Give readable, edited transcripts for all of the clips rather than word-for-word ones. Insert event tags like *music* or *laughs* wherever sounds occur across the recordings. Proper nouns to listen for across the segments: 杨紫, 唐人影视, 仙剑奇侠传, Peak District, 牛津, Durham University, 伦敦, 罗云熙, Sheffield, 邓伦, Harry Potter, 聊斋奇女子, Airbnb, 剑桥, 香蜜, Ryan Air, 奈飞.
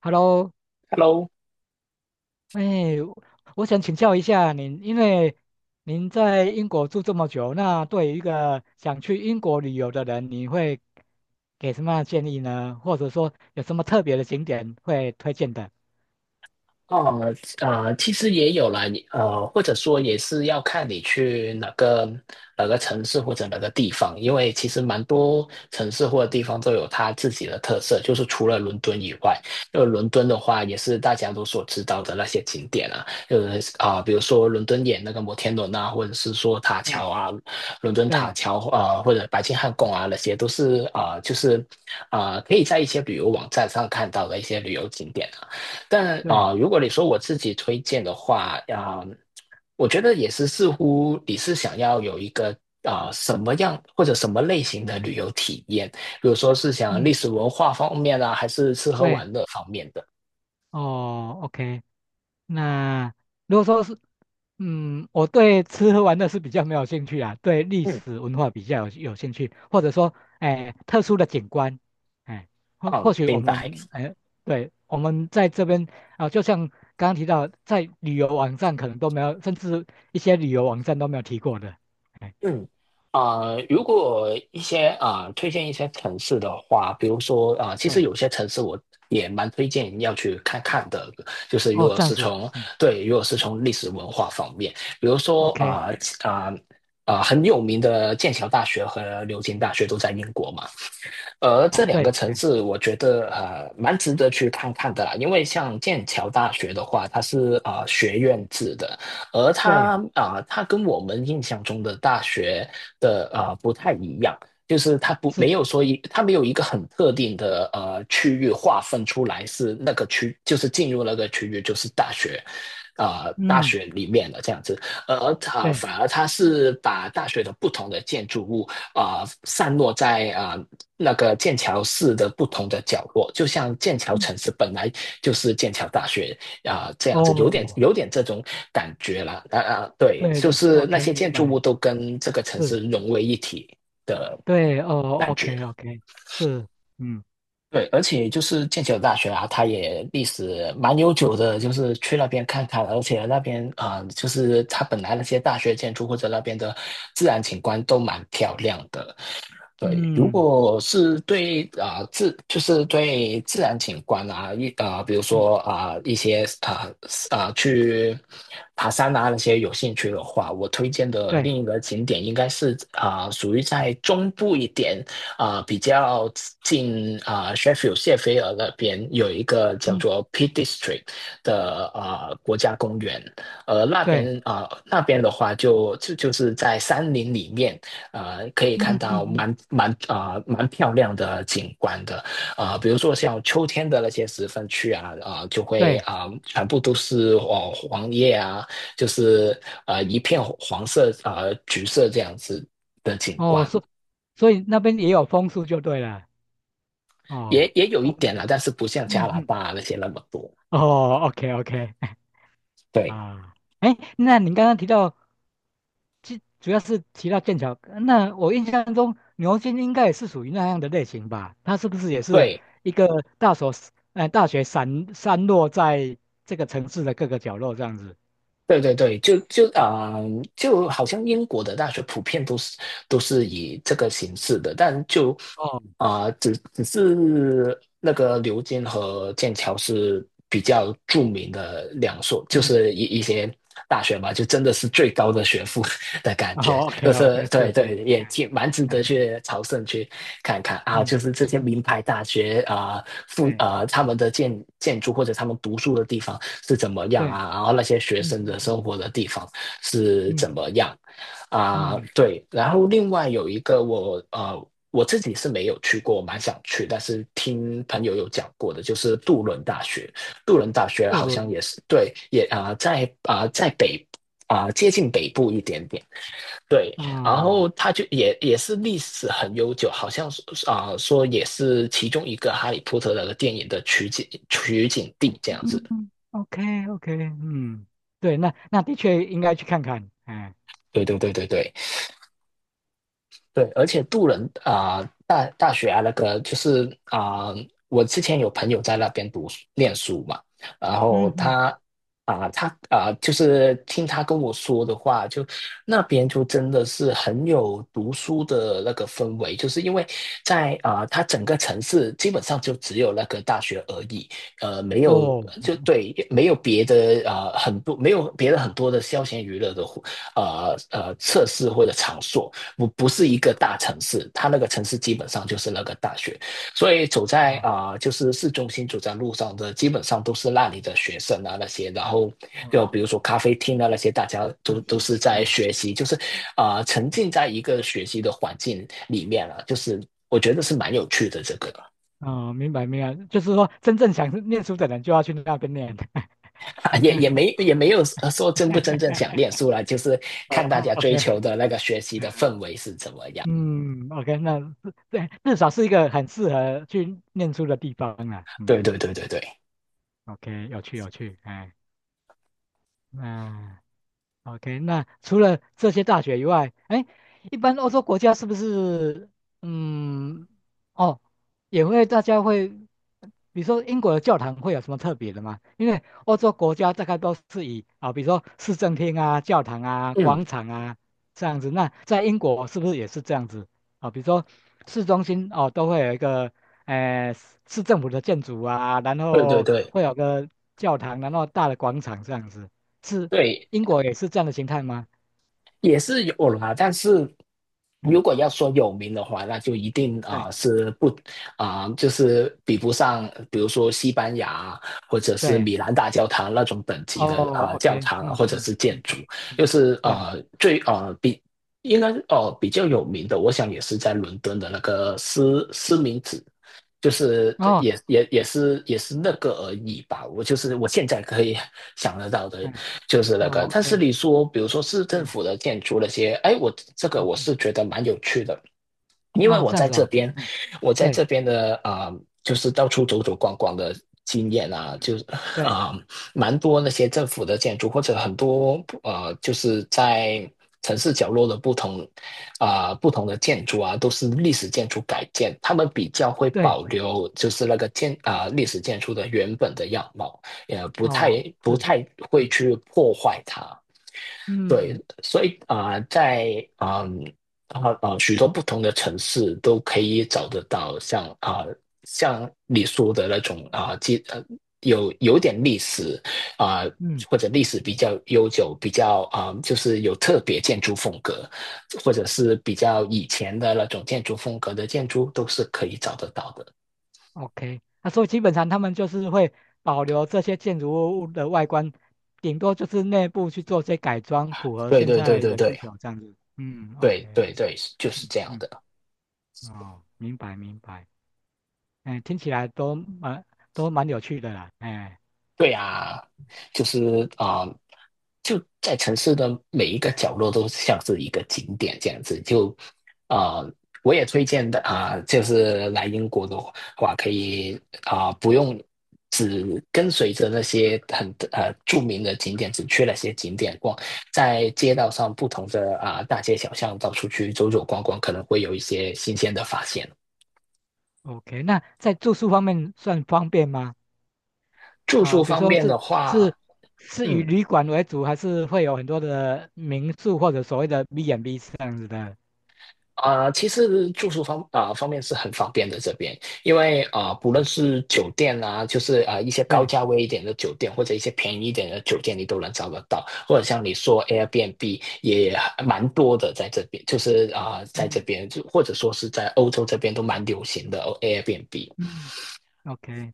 Hello，Hello，哎，我想请教一下您。因为您在英国住这么久，那对于一个想去英国旅游的人，你会给什么样的建议呢？或者说有什么特别的景点会推荐的？哦呃其实也有了，或者说也是要看你去哪个城市或者哪个地方，因为其实蛮多城市或者地方都有它自己的特色，就是除了伦敦以外，因为伦敦的话也是大家都所知道的那些景点啊，就是比如说伦敦眼那个摩天轮啊，或者是说塔桥对啊，伦敦塔对桥啊或者白金汉宫啊，那些都是就是可以在一些旅游网站上看到的一些旅游景点啊。但对，如果你说我自己推荐的话，我觉得也是似乎你是想要有一个什么样或者什么类型的旅游体验，比如说是想历嗯，史文化方面啊，还是吃喝对，玩乐方面的？哦 o k。 那如果说是，我对吃喝玩乐是比较没有兴趣啊，对历嗯，史文化比较有兴趣。或者说，哎，特殊的景观，哎，或好，或许我明白。们，哎，对，我们在这边啊，就像刚刚提到，在旅游网站可能都没有，甚至一些旅游网站都没有提过的，哎，嗯，啊、如果一些啊、推荐一些城市的话，比如说其实对。有些城市我也蛮推荐要去看看的，就是如哦，果这样是子，从嗯对，如果是嗯从历史文化方面，比如说，OK，啊很有名的剑桥大学和牛津大学都在英国嘛，而这哦，两个对，城哎，市，我觉得蛮值得去看看的啦，因为像剑桥大学的话，它是学院制的，而对，它跟我们印象中的大学的不太一样，就是是，它没有一个很特定的区域划分出来是那个区，就是进入那个区域就是大学。大嗯，学里面的这样子，而它对，反而它是把大学的不同的建筑物散落在那个剑桥市的不同的角落，就像剑桥嗯城市本来就是剑桥大学这样子，有点哦，有点这种感觉啦。对，对就是那，OK，些明建筑物白，都跟这个城市是。融为一体的对，哦感觉。，OK，OK，是，嗯对，而且就是剑桥大学啊，它也历史蛮悠久的，就是去那边看看，而且那边就是它本来那些大学建筑或者那边的自然景观都蛮漂亮的。对，如嗯果是对啊、呃自就是对自然景观啊，比如嗯，说一些去爬山啊那些有兴趣的话，我推荐的对，另一个景点应该是属于在中部一点比较近Sheffield 谢菲尔那边有一个叫嗯做 Peak District 的国家公园，那对，边那边的话就是在山林里面。可以嗯看嗯到嗯，蛮漂亮的景观的，比如说像秋天的那些十分区啊，就会对。全部都是黄叶啊，就是一片黄色啊、橘色这样子的景哦，观，所以那边也有枫树就对了？也哦，也有一枫点树，啦，但是不像加嗯拿嗯，大那些那么多。哦，OK，OK，*laughs* 对啊。哎，那您刚刚提到，主要是提到剑桥，那我印象中牛津应该也是属于那样的类型吧？它是不是也是对，一个大所，大学散落在这个城市的各个角落这样子？对对对，就好像英国的大学普遍都是以这个形式的，但就哦，只是那个牛津和剑桥是比较著名的两所，就嗯 是一些大学嘛，就真的是最高的学府 *laughs* 的 *laughs* 感觉，哦，OK 就哦 是 OK，对是对，是，也哎挺蛮值得哎，去朝圣去看看啊，嗯就是这些嗯，名牌大学啊、呃附对啊、呃他们的建筑或者他们读书的地方。是怎么样对，啊，然后那些学嗯生的嗯嗯生活的地方是怎么嗯样啊，嗯嗯，对，然后另外有一个我。我自己是没有去过，我蛮想去，但是听朋友有讲过的，就是杜伦大学。杜伦大学渡好像轮也是对，也在北接近北部一点点，对。啊，然后它就也是历史很悠久，好像是说也是其中一个《哈利波特》的电影的取景地这样子。嗯，OK OK，嗯。对，那那的确应该去看看，哎，对对对对对。对，而且杜伦大学啊，那个就是我之前有朋友在那边读书念书嘛，然后嗯嗯，他，就是听他跟我说的话，就那边就真的是很有读书的那个氛围，就是因为在他整个城市基本上就只有那个大学而已，没有哦，就对，没有别的很多没有别的很多的消闲娱乐的活设施或者场所，不是一个大城市，它那个城市基本上就是那个大学，所以走啊在就是市中心走在路上的，基本上都是那里的学生啊那些，然后啊，就比如说咖啡厅啊那些，大家都是都是，是在哎。学习，就是沉浸在一个学习的环境里面了，就是我觉得是蛮有趣的这个，哦，明白明白，就是说真正想念书的人就要去那边念，*laughs* *laughs* 是 也没有说真不真正想 *laughs* 念书了，就是哦看大家追，OK，求的那个学习的氛哎围是怎么样。嗯，OK。那至对，至少是一个很适合去念书的地方啊，嗯。对对对对对，OK，有趣有趣，哎，那 OK，那除了这些大学以外，哎，一般欧洲国家是不是，嗯，哦，也会大家会，比如说英国的教堂会有什么特别的吗？因为欧洲国家大概都是以啊，比如说市政厅啊、教堂啊、广嗯，场啊这样子。那在英国是不是也是这样子啊？比如说市中心哦，都会有一个，市政府的建筑啊，然对对后对会有个教堂，然后大的广场这样子。是对，英国也是这样的形态吗？也是有啦，但是如嗯，果要说有名的话，那就一定啊、对呃是不就是比不上，比如说西班牙或者是对，米兰大教堂那种等哦级的教，OK，堂啊嗯或者嗯是嗯建筑，嗯嗯，就是对，最比应该比较有名的，我想也是在伦敦的那个斯明子。就是哦，也是那个而已吧，我就是我现在可以想得到的嗯，就是那个。哦但是，OK，你说，比如说市政对，府的建筑那些，哎，我这个嗯我嗯，是觉得蛮有趣的，因嗯为哦，我这样在子这哦，边，嗯，我在对这边的就是到处走走逛逛的经验啊，就是对啊、呃蛮多那些政府的建筑，或者很多，就是在城市角落的不同不同的建筑啊，都是历史建筑改建，他们比较会对，保留就是那个历史建筑的原本的样貌，也不太哦，不是，太会嗯去破坏它。对，嗯所以在许多不同的城市都可以找得到像像你说的那种有点历史啊、嗯或者历史比较悠久，比较就是有特别建筑风格，或者是比较以前的那种建筑风格的建筑都是可以找得到的。，OK，那、所以基本上他们就是会保留这些建筑物的外观，顶多就是内部去做些改装，符合对现对对在对的需对求这样子。嗯对，OK，对对，就是嗯这样嗯，的。哦，明白明白。哎，听起来都蛮都蛮有趣的啦。哎对呀，就是就在城市的每一个角落都像是一个景点这样子。就啊、呃我也推荐的就是来英国的话，可以不用只跟随着那些很著名的景点，只去那些景点逛，在街道上不同的大街小巷到处去走走逛逛，可能会有一些新鲜的发现。，OK，那在住宿方面算方便吗？住宿啊、比如方说面是的话，是是以嗯。旅馆为主，还是会有很多的民宿或者所谓的 B&B 这样子的？其实住宿方面是很方便的这边，因为不论是酒店啊，就是一些高对，价位一点的酒店，或者一些便宜一点的酒店，你都能找得到。或者像你说 Airbnb 也蛮多的，在这边就是在这嗯边就或者说是在欧洲这边都蛮流行的哦 Airbnb。嗯，OK，嗯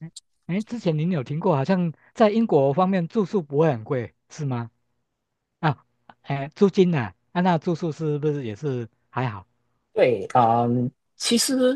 哎。哎之前您有听过，好像在英国方面住宿不会很贵，是吗？啊，哎，租金呢、啊？啊那住宿是不是也是还好？对，嗯，其实，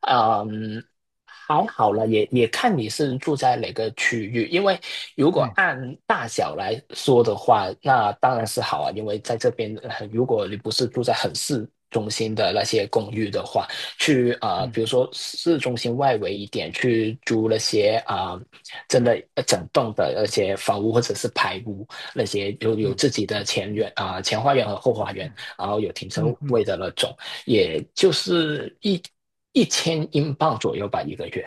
嗯，还好了，也看你是住在哪个区域，因为如果对，按大小来说的话，那当然是好啊，因为在这边，如果你不是住在很市中心的那些公寓的话，去比嗯如说市中心外围一点去租那些真的整栋的那些房屋或者是排屋，那些有嗯有自己的前嗯嗯院嗯前花园和后花园。嗯然后有停车嗯。嗯位的那种，也就是一千英镑左右吧，一个月。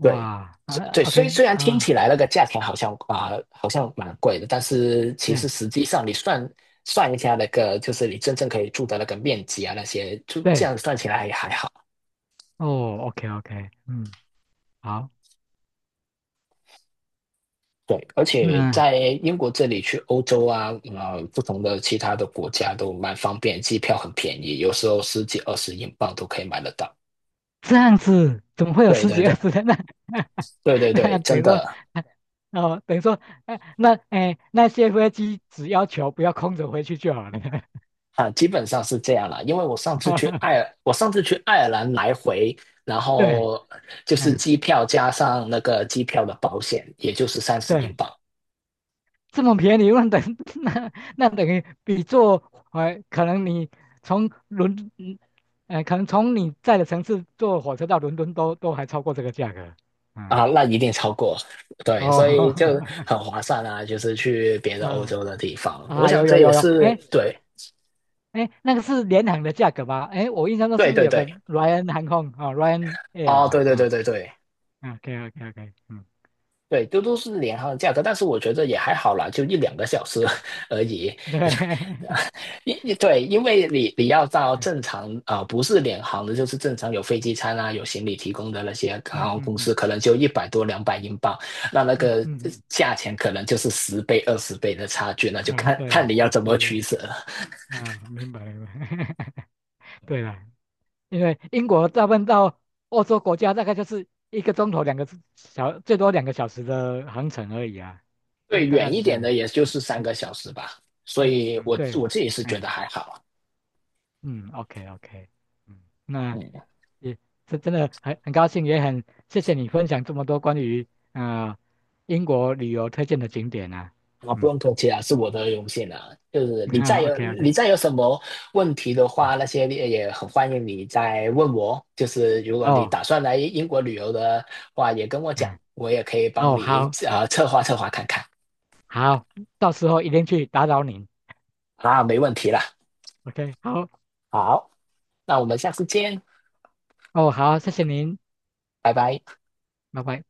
对，啊对，虽虽，OK 然听啊，起来那个价钱好像啊、好像蛮贵的，但是其实对实际上你算一下那个，就是你真正可以住的那个面积啊，那些就这对样算起来也还好。哦，OK OK，嗯，好。对，而且那在英国这里去欧洲啊，不同的其他的国家都蛮方便，机票很便宜，有时候十几二十英镑都可以买得到。这样子怎么会有对十对几对二十人呢？*laughs* 对对对，那等真于说，的。哦，等于说，那些飞机只要求不要空着回去就好了。啊，基本上是这样啦，因为我上次去爱 *laughs* 尔，我上次去爱尔兰来回，然对，后就是哎，机票加上那个机票的保险，也就是三十英对，镑这么便宜，那等 *laughs* 那那等于比坐，呃，可能你从伦，嗯可能从你在的城市坐火车到伦敦都还超过这个价格。嗯。啊，那一定超过，对，哦，所 *laughs* 以就很划算啊，就是去别的欧嗯洲的地方，我啊，想有这有也有有，是哎对，哎，那个是联航的价格吧？哎，我印象中是对不是对有对，个 Ryan 航空啊哦，Ryan Air 哦，对嘛？对对啊对对，OK OK OK，嗯，对，都是联航的价格，但是我觉得也还好啦，就一两个小时 *laughs* 而已，对，*laughs* 对，因为你要到正常不是联航的，就是正常有飞机餐啊，有行李提供的那些嗯航空嗯公嗯司，可能就一百多两百英镑，那嗯个嗯嗯价钱可能就是10倍20倍的差距，那就嗯，啊，看看对，你要怎么是取舍了。啊，明白明白，*laughs* 对了。因为英国大部分到欧洲国家大概就是一个钟头两个小，最多2个小时的航程而已啊，那对，大概远是一这点样，的也就是三嗯个小时吧，所嗯以嗯，我对。我自己是觉嗯得还好，嗯，OK OK，嗯。那嗯。也是真的很高兴，也很谢谢你分享这么多关于呃英国旅游推荐的景点啊。啊，不嗯，用客气啊，是我的荣幸啊。就是 *laughs* 好，OK 你 OK，再有什么问题的话，那些也很欢迎你再问我。就是如果你哦，打算来英国旅游的话，也跟我讲，嗯，我也可以帮哦，你好，策划策划看看。好，到时候一定去打扰您。啊，没问题啦。OK，好，好，那我们下次见，哦，好，谢谢您，拜拜。拜拜。